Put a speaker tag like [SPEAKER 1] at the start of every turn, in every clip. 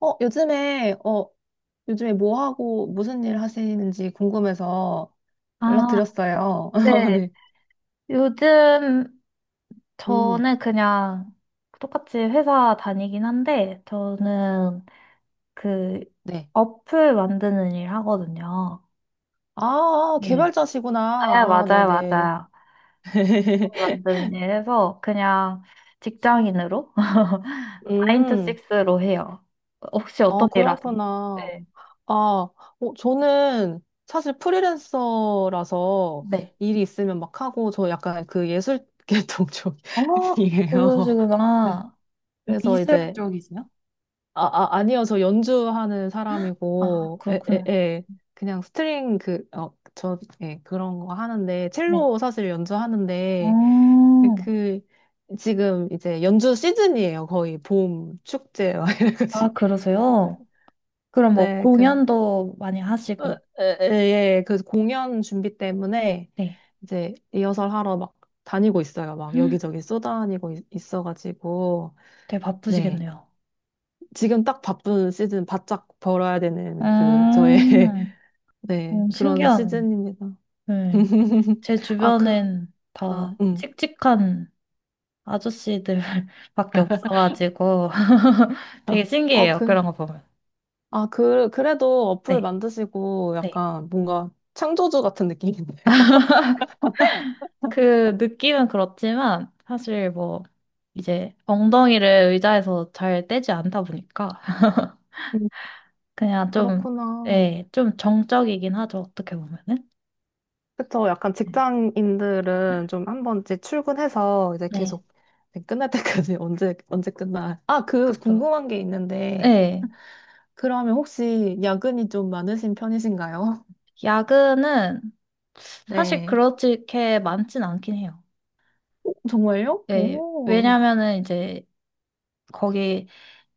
[SPEAKER 1] 어, 요즘에, 어, 요즘에 뭐 하고 무슨 일 하시는지 궁금해서
[SPEAKER 2] 아,
[SPEAKER 1] 연락드렸어요.
[SPEAKER 2] 네.
[SPEAKER 1] 네.
[SPEAKER 2] 요즘
[SPEAKER 1] 음,
[SPEAKER 2] 저는 그냥 똑같이 회사 다니긴 한데, 저는 그
[SPEAKER 1] 네.
[SPEAKER 2] 어플 만드는 일 하거든요.
[SPEAKER 1] 아,
[SPEAKER 2] 네.
[SPEAKER 1] 개발자시구나.
[SPEAKER 2] 아,
[SPEAKER 1] 아,
[SPEAKER 2] 맞아요,
[SPEAKER 1] 네네.
[SPEAKER 2] 맞아요. 어플 만드는 일 해서 그냥 직장인으로
[SPEAKER 1] 음,
[SPEAKER 2] 9to6로 해요. 혹시
[SPEAKER 1] 아,
[SPEAKER 2] 어떤 일 하세요?
[SPEAKER 1] 그렇구나.
[SPEAKER 2] 네.
[SPEAKER 1] 아, 어, 저는 사실 프리랜서라서
[SPEAKER 2] 네.
[SPEAKER 1] 일이 있으면 막 하고, 저 약간 그 예술 계통
[SPEAKER 2] 아,
[SPEAKER 1] 쪽이에요.
[SPEAKER 2] 그러시구나.
[SPEAKER 1] 그래서
[SPEAKER 2] 미술
[SPEAKER 1] 이제,
[SPEAKER 2] 쪽이세요?
[SPEAKER 1] 아니요. 저 연주하는
[SPEAKER 2] 아,
[SPEAKER 1] 사람이고, 에, 에,
[SPEAKER 2] 그렇구나.
[SPEAKER 1] 에. 그냥 스트링 그런 거 하는데,
[SPEAKER 2] 네.
[SPEAKER 1] 첼로 사실 연주하는데,
[SPEAKER 2] 어,
[SPEAKER 1] 그, 그 지금 이제 연주 시즌이에요. 거의 봄 축제, 막
[SPEAKER 2] 아,
[SPEAKER 1] 이래가지고.
[SPEAKER 2] 그러세요? 그럼 뭐
[SPEAKER 1] 네, 그,
[SPEAKER 2] 공연도 많이
[SPEAKER 1] 어,
[SPEAKER 2] 하시고,
[SPEAKER 1] 에, 그 공연 준비 때문에
[SPEAKER 2] 네.
[SPEAKER 1] 이제 리허설 하러 막 다니고 있어요. 막
[SPEAKER 2] 헉,
[SPEAKER 1] 여기저기 있어가지고,
[SPEAKER 2] 되게
[SPEAKER 1] 네.
[SPEAKER 2] 바쁘시겠네요.
[SPEAKER 1] 지금 딱 바쁜 시즌 바짝 벌어야 되는 그 저의
[SPEAKER 2] 음,
[SPEAKER 1] 네, 그런
[SPEAKER 2] 신기하네.
[SPEAKER 1] 시즌입니다.
[SPEAKER 2] 네. 제
[SPEAKER 1] 아, 그,
[SPEAKER 2] 주변엔
[SPEAKER 1] 아,
[SPEAKER 2] 다
[SPEAKER 1] 음.
[SPEAKER 2] 칙칙한 아저씨들밖에 없어가지고 되게
[SPEAKER 1] 아, 어,
[SPEAKER 2] 신기해요.
[SPEAKER 1] 그,
[SPEAKER 2] 그런 거 보면.
[SPEAKER 1] 아, 그래도 어플
[SPEAKER 2] 네,
[SPEAKER 1] 만드시고
[SPEAKER 2] 네.
[SPEAKER 1] 약간 뭔가 창조주 같은 느낌인데요.
[SPEAKER 2] 그 느낌은 그렇지만 사실 뭐 이제 엉덩이를 의자에서 잘 떼지 않다 보니까
[SPEAKER 1] 음,
[SPEAKER 2] 그냥 좀,
[SPEAKER 1] 그렇구나.
[SPEAKER 2] 네, 좀 정적이긴 하죠. 어떻게 보면은.
[SPEAKER 1] 그쵸. 약간
[SPEAKER 2] 네.
[SPEAKER 1] 직장인들은 좀 한 번씩 출근해서 이제
[SPEAKER 2] 네.
[SPEAKER 1] 계속 이제 끝날 때까지 언제, 언제 끝나. 아, 그
[SPEAKER 2] 그쵸?
[SPEAKER 1] 궁금한 게 있는데,
[SPEAKER 2] 네.
[SPEAKER 1] 그러면 혹시 야근이 좀 많으신 편이신가요?
[SPEAKER 2] 야근은 사실
[SPEAKER 1] 네.
[SPEAKER 2] 그렇게 많진 않긴 해요.
[SPEAKER 1] 정말요?
[SPEAKER 2] 네,
[SPEAKER 1] 오.
[SPEAKER 2] 왜냐면은 이제 거기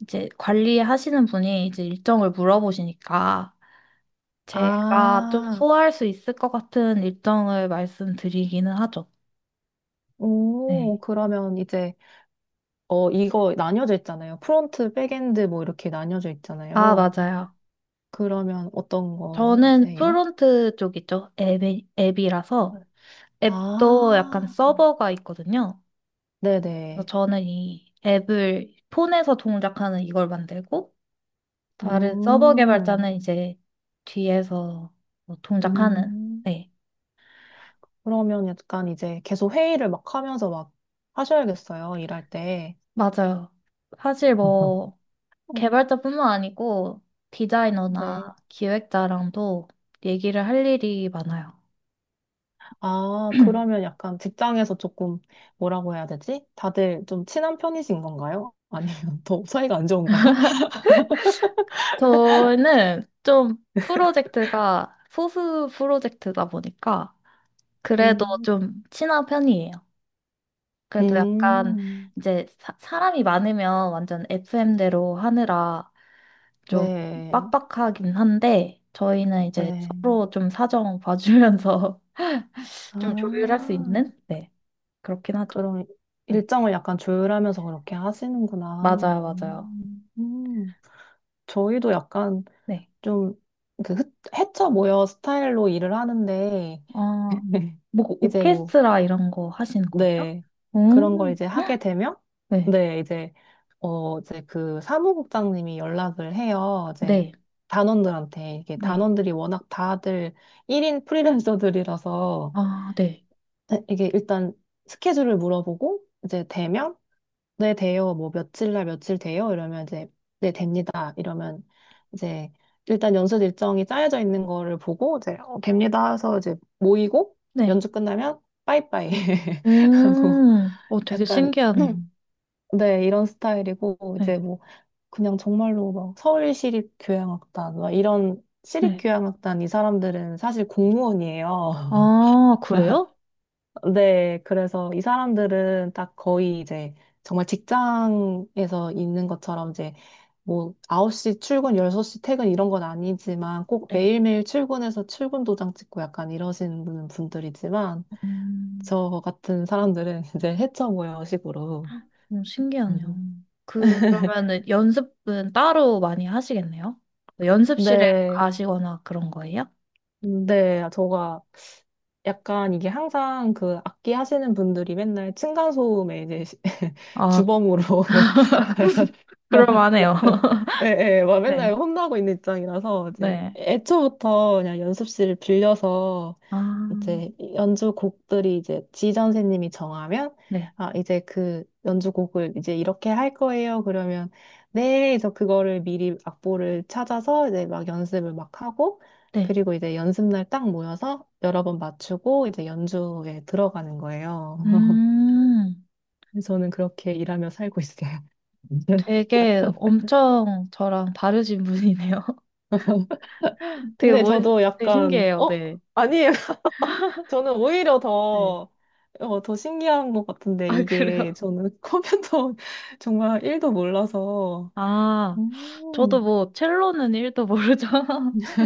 [SPEAKER 2] 이제 관리하시는 분이 이제 일정을 물어보시니까 제가 좀
[SPEAKER 1] 아.
[SPEAKER 2] 소화할 수 있을 것 같은 일정을 말씀드리기는 하죠. 네.
[SPEAKER 1] 오, 그러면 이제, 어, 이거 나뉘어져 있잖아요. 프론트, 백엔드 뭐 이렇게 나뉘어져
[SPEAKER 2] 아,
[SPEAKER 1] 있잖아요.
[SPEAKER 2] 맞아요.
[SPEAKER 1] 그러면 어떤
[SPEAKER 2] 저는
[SPEAKER 1] 거세요?
[SPEAKER 2] 프론트 쪽이죠. 앱이라서
[SPEAKER 1] 네.
[SPEAKER 2] 앱도 약간
[SPEAKER 1] 아,
[SPEAKER 2] 서버가 있거든요. 그래서
[SPEAKER 1] 네네.
[SPEAKER 2] 저는 이 앱을 폰에서 동작하는 이걸 만들고 다른 서버
[SPEAKER 1] 음,
[SPEAKER 2] 개발자는 이제 뒤에서 뭐 동작하는.
[SPEAKER 1] 음.
[SPEAKER 2] 네,
[SPEAKER 1] 그러면 약간 이제 계속 회의를 막 하면서 막 하셔야겠어요. 일할 때.
[SPEAKER 2] 맞아요. 사실 뭐 개발자뿐만 아니고 디자이너나
[SPEAKER 1] 네.
[SPEAKER 2] 기획자랑도 얘기를 할 일이 많아요.
[SPEAKER 1] 아, 그러면 약간 직장에서 조금 뭐라고 해야 되지? 다들 좀 친한 편이신 건가요? 아니면 더 사이가 안 좋은가요?
[SPEAKER 2] 저는 좀 프로젝트가 소수 프로젝트다 보니까 그래도
[SPEAKER 1] 음.
[SPEAKER 2] 좀 친한 편이에요. 그래도 약간
[SPEAKER 1] 음,
[SPEAKER 2] 이제 사람이 많으면 완전 FM대로 하느라 좀
[SPEAKER 1] 네,
[SPEAKER 2] 빡빡하긴 한데 저희는 이제
[SPEAKER 1] 네.
[SPEAKER 2] 서로 좀 사정 봐주면서 좀 조율할 수
[SPEAKER 1] 아,
[SPEAKER 2] 있는, 네, 그렇긴 하죠.
[SPEAKER 1] 그럼
[SPEAKER 2] 네,
[SPEAKER 1] 일정을 약간 조율하면서 그렇게 하시는구나.
[SPEAKER 2] 맞아요, 맞아요.
[SPEAKER 1] 음, 음. 저희도 약간
[SPEAKER 2] 네.
[SPEAKER 1] 좀 그 헤쳐 모여 스타일로 일을 하는데,
[SPEAKER 2] 어, 뭐
[SPEAKER 1] 이제 뭐,
[SPEAKER 2] 오케스트라 이런 거 하시는 거예요?
[SPEAKER 1] 네. 그런 걸
[SPEAKER 2] 음,
[SPEAKER 1] 이제 하게 되면,
[SPEAKER 2] 네,
[SPEAKER 1] 네, 이제, 어, 이제 그 사무국장님이 연락을 해요. 이제
[SPEAKER 2] 네,
[SPEAKER 1] 단원들한테. 이게
[SPEAKER 2] 네,
[SPEAKER 1] 단원들이 워낙 다들 1인 프리랜서들이라서,
[SPEAKER 2] 아, 네,
[SPEAKER 1] 네, 이게 일단 스케줄을 물어보고 이제 되면 네 돼요 뭐 며칠 날 며칠 돼요 이러면 이제 네 됩니다 이러면 이제 일단 연습 일정이 짜여져 있는 거를 보고 이제 어, 됩니다 해서 이제 모이고
[SPEAKER 2] 네.
[SPEAKER 1] 연주 끝나면 빠이빠이 하고
[SPEAKER 2] 어, 되게
[SPEAKER 1] 약간
[SPEAKER 2] 신기하네요.
[SPEAKER 1] 네 이런 스타일이고 이제
[SPEAKER 2] 네,
[SPEAKER 1] 뭐 그냥 정말로 막 서울 시립교향악단 막 이런
[SPEAKER 2] 네.
[SPEAKER 1] 시립교향악단 이 사람들은 사실 공무원이에요.
[SPEAKER 2] 아, 그래요?
[SPEAKER 1] 네, 그래서 이 사람들은 딱 거의 이제 정말 직장에서 있는 것처럼 이제 뭐 9시 출근, 6시 퇴근 이런 건 아니지만 꼭
[SPEAKER 2] 네.
[SPEAKER 1] 매일매일 출근해서 출근 도장 찍고 약간 이러시는 분들이지만
[SPEAKER 2] 음.
[SPEAKER 1] 저 같은 사람들은 이제 해쳐 모여 식으로.
[SPEAKER 2] 신기하네요.
[SPEAKER 1] 음.
[SPEAKER 2] 그러면은 연습은 따로 많이 하시겠네요? 연습실에
[SPEAKER 1] 네,
[SPEAKER 2] 가시거나 그런 거예요?
[SPEAKER 1] 네, 저가 약간 이게 항상 그 악기 하시는 분들이 맨날 층간소음에 이제
[SPEAKER 2] 아,
[SPEAKER 1] 주범으로
[SPEAKER 2] 그럴만해요.
[SPEAKER 1] 예, 막
[SPEAKER 2] 네,
[SPEAKER 1] 맨날 혼나고 있는 입장이라서, 이제,
[SPEAKER 2] 네.
[SPEAKER 1] 애초부터 그냥 연습실을 빌려서,
[SPEAKER 2] 아,
[SPEAKER 1] 이제, 연주 곡들이 이제 지전 선생님이 정하면,
[SPEAKER 2] 네,
[SPEAKER 1] 아, 이제 그 연주곡을 이제 이렇게 할 거예요. 그러면, 네, 그래서 그거를 미리 악보를 찾아서 이제 막 연습을 막 하고,
[SPEAKER 2] 네.
[SPEAKER 1] 그리고 이제 연습날 딱 모여서 여러 번 맞추고, 이제 연주에 들어가는 거예요.
[SPEAKER 2] 음,
[SPEAKER 1] 저는 그렇게 일하며 살고 있어요.
[SPEAKER 2] 되게 엄청 저랑 다르신 분이네요. 되게
[SPEAKER 1] 근데
[SPEAKER 2] 멋,
[SPEAKER 1] 저도
[SPEAKER 2] 되게
[SPEAKER 1] 약간,
[SPEAKER 2] 신기해요.
[SPEAKER 1] 어?
[SPEAKER 2] 네.
[SPEAKER 1] 아니에요. 저는 오히려
[SPEAKER 2] 네.
[SPEAKER 1] 더, 어, 더 신기한 것 같은데,
[SPEAKER 2] 아, 그래요?
[SPEAKER 1] 이게 저는 컴퓨터 정말 일도 몰라서.
[SPEAKER 2] 아, 저도
[SPEAKER 1] 음,
[SPEAKER 2] 뭐 첼로는 1도 모르죠.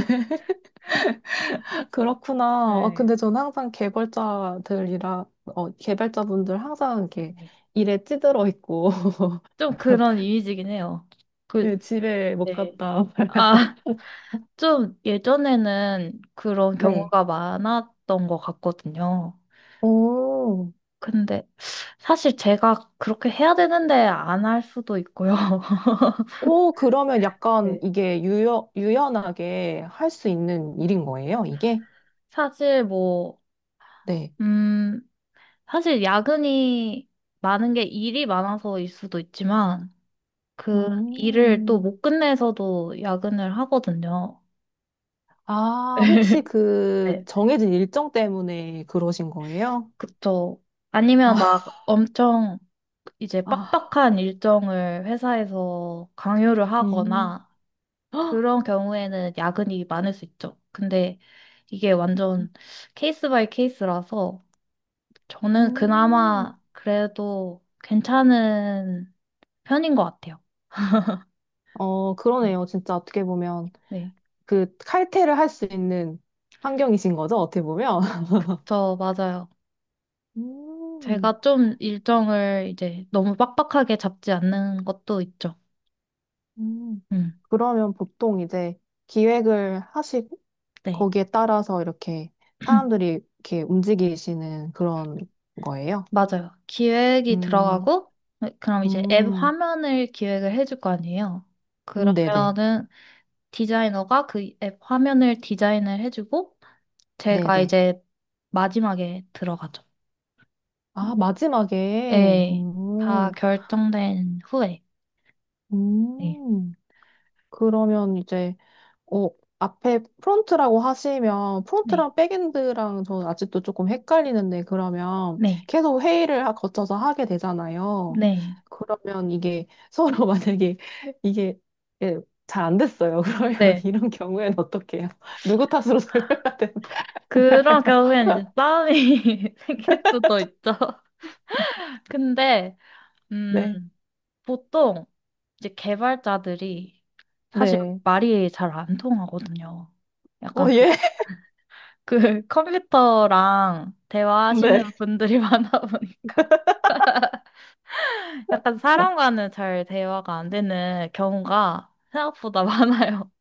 [SPEAKER 1] 그렇구나. 아,
[SPEAKER 2] 네.
[SPEAKER 1] 근데 저는 항상 개발자들이라, 어, 개발자분들 항상 이렇게
[SPEAKER 2] 네.
[SPEAKER 1] 일에 찌들어 있고,
[SPEAKER 2] 좀 그런 이미지긴 해요. 그,
[SPEAKER 1] 예, 집에 못
[SPEAKER 2] 네.
[SPEAKER 1] 갔다.
[SPEAKER 2] 아, 좀 예전에는 그런 음
[SPEAKER 1] 네.
[SPEAKER 2] 경우가 많았던 것 같거든요.
[SPEAKER 1] 오,
[SPEAKER 2] 근데 사실 제가 그렇게 해야 되는데 안 할 수도 있고요.
[SPEAKER 1] 오, 그러면 약간
[SPEAKER 2] 네.
[SPEAKER 1] 이게 유연, 유연하게 할 수 있는 일인 거예요, 이게?
[SPEAKER 2] 사실 뭐,
[SPEAKER 1] 네.
[SPEAKER 2] 음, 사실 야근이 많은 게 일이 많아서일 수도 있지만 그 일을 또
[SPEAKER 1] 음.
[SPEAKER 2] 못 끝내서도 야근을 하거든요.
[SPEAKER 1] 아, 혹시 그
[SPEAKER 2] 네,
[SPEAKER 1] 정해진 일정 때문에 그러신 거예요?
[SPEAKER 2] 그쵸. 아니면
[SPEAKER 1] 아,
[SPEAKER 2] 막 엄청 이제
[SPEAKER 1] 아,
[SPEAKER 2] 빡빡한 일정을 회사에서 강요를
[SPEAKER 1] 음.
[SPEAKER 2] 하거나
[SPEAKER 1] 헉,
[SPEAKER 2] 그런 경우에는 야근이 많을 수 있죠. 근데 이게 완전 케이스 바이 케이스라서 저는
[SPEAKER 1] 음.
[SPEAKER 2] 그나마 그래도 괜찮은 편인 것 같아요.
[SPEAKER 1] 어,
[SPEAKER 2] 음.
[SPEAKER 1] 그러네요. 진짜 어떻게 보면
[SPEAKER 2] 네.
[SPEAKER 1] 그 칼퇴를 할 수 있는 환경이신 거죠? 어떻게 보면.
[SPEAKER 2] 저 맞아요.
[SPEAKER 1] 음,
[SPEAKER 2] 제가 좀 일정을 이제 너무 빡빡하게 잡지 않는 것도 있죠.
[SPEAKER 1] 음.
[SPEAKER 2] 음,
[SPEAKER 1] 그러면 보통 이제 기획을 하시고
[SPEAKER 2] 네.
[SPEAKER 1] 거기에 따라서 이렇게 사람들이 이렇게 움직이시는 그런 거예요?
[SPEAKER 2] 맞아요. 기획이
[SPEAKER 1] 음,
[SPEAKER 2] 들어가고, 네, 그럼 이제 앱
[SPEAKER 1] 음,
[SPEAKER 2] 화면을 기획을 해줄 거 아니에요.
[SPEAKER 1] 네네.
[SPEAKER 2] 그러면은 디자이너가 그 앱 화면을 디자인을 해주고 제가
[SPEAKER 1] 네네.
[SPEAKER 2] 이제 마지막에 들어가죠.
[SPEAKER 1] 아, 마지막에.
[SPEAKER 2] 네, 다
[SPEAKER 1] 오,
[SPEAKER 2] 결정된 후에. 네,
[SPEAKER 1] 음. 그러면 이제, 어, 앞에 프론트라고 하시면,
[SPEAKER 2] 네,
[SPEAKER 1] 프론트랑 백엔드랑 저는 아직도 조금 헷갈리는데, 그러면
[SPEAKER 2] 네,
[SPEAKER 1] 계속 거쳐서 하게 되잖아요.
[SPEAKER 2] 네,
[SPEAKER 1] 그러면 이게 서로 만약에 이게 예, 잘안 됐어요. 그러면
[SPEAKER 2] 네.
[SPEAKER 1] 이런 경우에는 어떻게 해요? 누구 탓으로 돌려야 되나요?
[SPEAKER 2] 그런 경우에는 이제 싸움이 생길 수도 있죠. 근데, 음,
[SPEAKER 1] 네.
[SPEAKER 2] 보통 이제 개발자들이 사실
[SPEAKER 1] 네.
[SPEAKER 2] 말이 잘 안 통하거든요.
[SPEAKER 1] 어,
[SPEAKER 2] 약간 그,
[SPEAKER 1] 예.
[SPEAKER 2] 그 컴퓨터랑 대화하시는
[SPEAKER 1] 네.
[SPEAKER 2] 분들이 많아 보니까. 약간 사람과는 잘 대화가 안 되는 경우가 생각보다 많아요.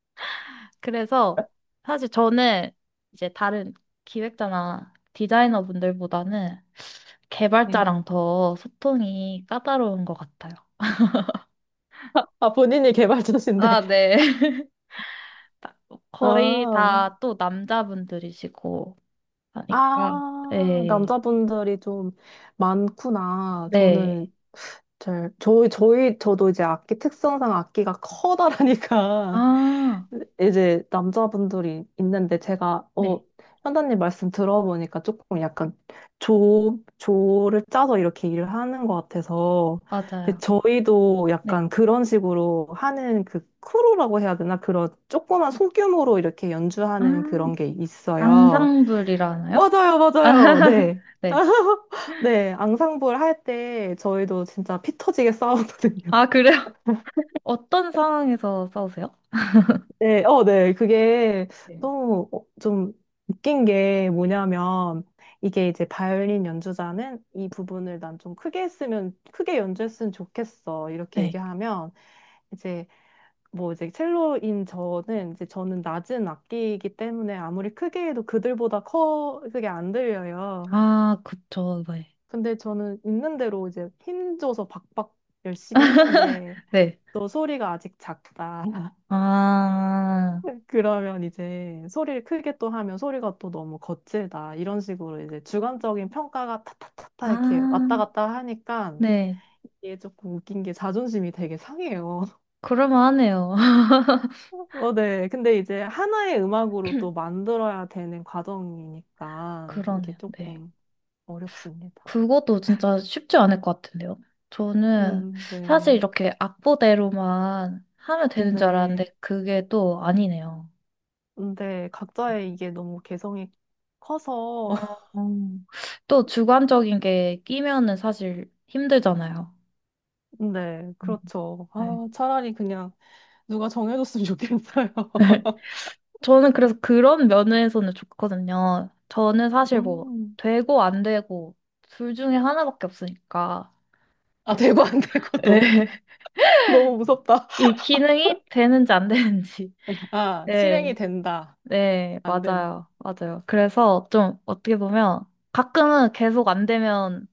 [SPEAKER 2] 그래서 사실 저는 이제 다른 기획자나 디자이너 분들보다는
[SPEAKER 1] 네.
[SPEAKER 2] 개발자랑 더 소통이 까다로운 것 같아요.
[SPEAKER 1] 아, 본인이 개발자신데.
[SPEAKER 2] 아, 네. 다- 거의
[SPEAKER 1] 아,
[SPEAKER 2] 다 또 남자분들이시고 하니까,
[SPEAKER 1] 아,
[SPEAKER 2] 네,
[SPEAKER 1] 남자분들이 좀 많구나.
[SPEAKER 2] 네.
[SPEAKER 1] 저는 저도 이제 악기 특성상 악기가 커다라니까
[SPEAKER 2] 아,
[SPEAKER 1] 이제 남자분들이 있는데 제가, 어,
[SPEAKER 2] 네,
[SPEAKER 1] 현다님 말씀 들어보니까 조금 약간 조를 짜서 이렇게 일을 하는 것 같아서. 근데
[SPEAKER 2] 맞아요.
[SPEAKER 1] 저희도
[SPEAKER 2] 네.
[SPEAKER 1] 약간 그런 식으로 하는 그 크루라고 해야 되나? 그런 조그만 소규모로 이렇게
[SPEAKER 2] 아,
[SPEAKER 1] 연주하는 그런 게 있어요.
[SPEAKER 2] 앙상블이라나요?
[SPEAKER 1] 맞아요, 맞아요. 네.
[SPEAKER 2] 네.
[SPEAKER 1] 네, 앙상블 할 때 저희도 진짜 피 터지게 싸웠거든요.
[SPEAKER 2] 아, 그래? 어떤 상황에서 싸우세요?
[SPEAKER 1] 네, 어, 네. 그게
[SPEAKER 2] 네.
[SPEAKER 1] 너무 어, 좀 웃긴 게 뭐냐면 이게 이제 바이올린 연주자는 이 부분을 난 좀 크게 했으면 크게 연주했으면 좋겠어. 이렇게
[SPEAKER 2] 네.
[SPEAKER 1] 얘기하면 이제 뭐 이제 첼로인 저는 이제 저는 낮은 악기이기 때문에 아무리 크게 해도 그들보다 커 그게 안 들려요.
[SPEAKER 2] 아, 그쵸. 네.
[SPEAKER 1] 근데 저는 있는 대로 이제 힘줘서 박박 열심히 했는데
[SPEAKER 2] 네.
[SPEAKER 1] 너 소리가 아직 작다.
[SPEAKER 2] 아,
[SPEAKER 1] 그러면 이제 소리를 크게 또 하면 소리가 또 너무 거칠다. 이런 식으로 이제 주관적인 평가가 타타타타
[SPEAKER 2] 아,
[SPEAKER 1] 이렇게 왔다 갔다 하니까
[SPEAKER 2] 네.
[SPEAKER 1] 이게 조금 웃긴 게 자존심이 되게 상해요.
[SPEAKER 2] 그럴만하네요.
[SPEAKER 1] 어, 네. 근데 이제 하나의 음악으로 또 만들어야 되는 과정이니까 이게
[SPEAKER 2] 그러네요. 네.
[SPEAKER 1] 조금 어렵습니다.
[SPEAKER 2] 그것도 진짜 쉽지 않을 것 같은데요. 저는 사실
[SPEAKER 1] 네.
[SPEAKER 2] 이렇게 악보대로만 하면 되는 줄
[SPEAKER 1] 네.
[SPEAKER 2] 알았는데 그게 또 아니네요.
[SPEAKER 1] 근데 각자의 이게 너무 개성이 커서,
[SPEAKER 2] 음. 또 주관적인 게 끼면은 사실 힘들잖아요.
[SPEAKER 1] 네,
[SPEAKER 2] 음.
[SPEAKER 1] 그렇죠.
[SPEAKER 2] 네.
[SPEAKER 1] 아, 차라리 그냥 누가 정해줬으면 좋겠어요.
[SPEAKER 2] 저는 그래서 그런 면에서는 좋거든요. 저는 사실 뭐
[SPEAKER 1] 음.
[SPEAKER 2] 되고 안 되고 둘 중에 하나밖에 없으니까.
[SPEAKER 1] 아,
[SPEAKER 2] 예.
[SPEAKER 1] 되고 안 되고 너무, 너무 무섭다.
[SPEAKER 2] 이 기능이 되는지 안 되는지.
[SPEAKER 1] 아, 실행이
[SPEAKER 2] 네.
[SPEAKER 1] 된다.
[SPEAKER 2] 네,
[SPEAKER 1] 안 된다.
[SPEAKER 2] 맞아요. 맞아요. 그래서 좀 어떻게 보면 가끔은 계속 안 되면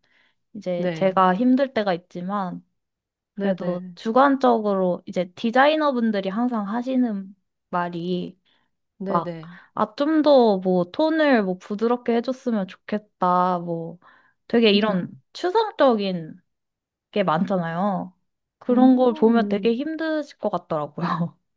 [SPEAKER 2] 이제
[SPEAKER 1] 네,
[SPEAKER 2] 제가 힘들 때가 있지만 그래도
[SPEAKER 1] 네네,
[SPEAKER 2] 주관적으로 이제 디자이너분들이 항상 하시는 말이 막,
[SPEAKER 1] 네네.
[SPEAKER 2] 아, 좀 더 뭐 톤을 뭐 부드럽게 해줬으면 좋겠다. 뭐 되게 이런 추상적인 게 많잖아요. 그런 걸 보면 되게
[SPEAKER 1] 음.
[SPEAKER 2] 힘드실 것 같더라고요.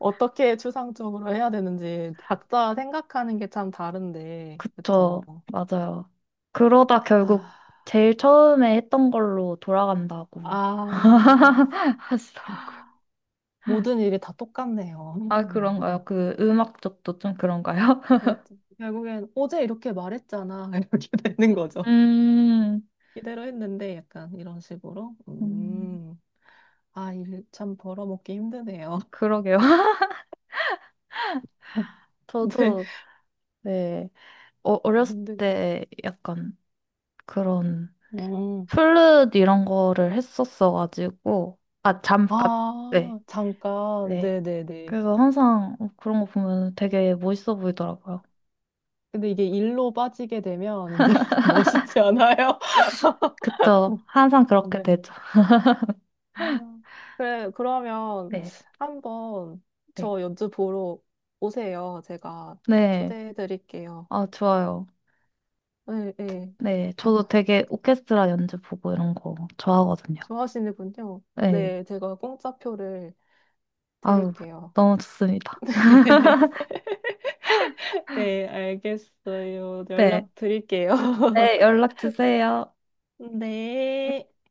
[SPEAKER 1] 어떻게 추상적으로 해야 되는지 각자 생각하는 게 참 다른데, 그쵸?
[SPEAKER 2] 그쵸. 맞아요. 그러다 결국
[SPEAKER 1] 아,
[SPEAKER 2] 제일 처음에 했던 걸로 돌아간다고
[SPEAKER 1] 아,
[SPEAKER 2] 하시더라고요.
[SPEAKER 1] 모든 일이 다 똑같네요.
[SPEAKER 2] 아, 그런가요? 그 음악 쪽도 좀 그런가요?
[SPEAKER 1] 그렇죠. 결국엔 어제 이렇게 말했잖아. 이렇게 되는 거죠.
[SPEAKER 2] 음,
[SPEAKER 1] 이대로 했는데 약간 이런 식으로.
[SPEAKER 2] 음,
[SPEAKER 1] 아, 일 참 벌어먹기 힘드네요.
[SPEAKER 2] 그러게요.
[SPEAKER 1] 네,
[SPEAKER 2] 저도, 네, 어, 어렸을
[SPEAKER 1] 힘들.
[SPEAKER 2] 때 약간 그런
[SPEAKER 1] 음.
[SPEAKER 2] 플룻 이런 거를 했었어가지고, 아, 잠깐. 네.
[SPEAKER 1] 아, 잠깐.
[SPEAKER 2] 네.
[SPEAKER 1] 네네네.
[SPEAKER 2] 그래서 항상 그런 거 보면 되게 멋있어 보이더라고요.
[SPEAKER 1] 근데 이게 일로 빠지게 되면 이게 멋있지 않아요?
[SPEAKER 2] 그쵸. 항상 그렇게
[SPEAKER 1] 네.
[SPEAKER 2] 되죠.
[SPEAKER 1] 아, 그래, 그러면
[SPEAKER 2] 네.
[SPEAKER 1] 한번
[SPEAKER 2] 네.
[SPEAKER 1] 저 연주 보러 오세요. 제가
[SPEAKER 2] 네.
[SPEAKER 1] 초대해 드릴게요.
[SPEAKER 2] 아, 좋아요.
[SPEAKER 1] 네, 네.
[SPEAKER 2] 네.
[SPEAKER 1] 아,
[SPEAKER 2] 저도 되게 오케스트라 연주 보고 이런 거 좋아하거든요.
[SPEAKER 1] 좋아하시는군요.
[SPEAKER 2] 네.
[SPEAKER 1] 네, 제가 공짜표를
[SPEAKER 2] 아우,
[SPEAKER 1] 드릴게요.
[SPEAKER 2] 너무 좋습니다.
[SPEAKER 1] 네, 알겠어요.
[SPEAKER 2] 네.
[SPEAKER 1] 연락 드릴게요.
[SPEAKER 2] 네, 연락 주세요.
[SPEAKER 1] 네.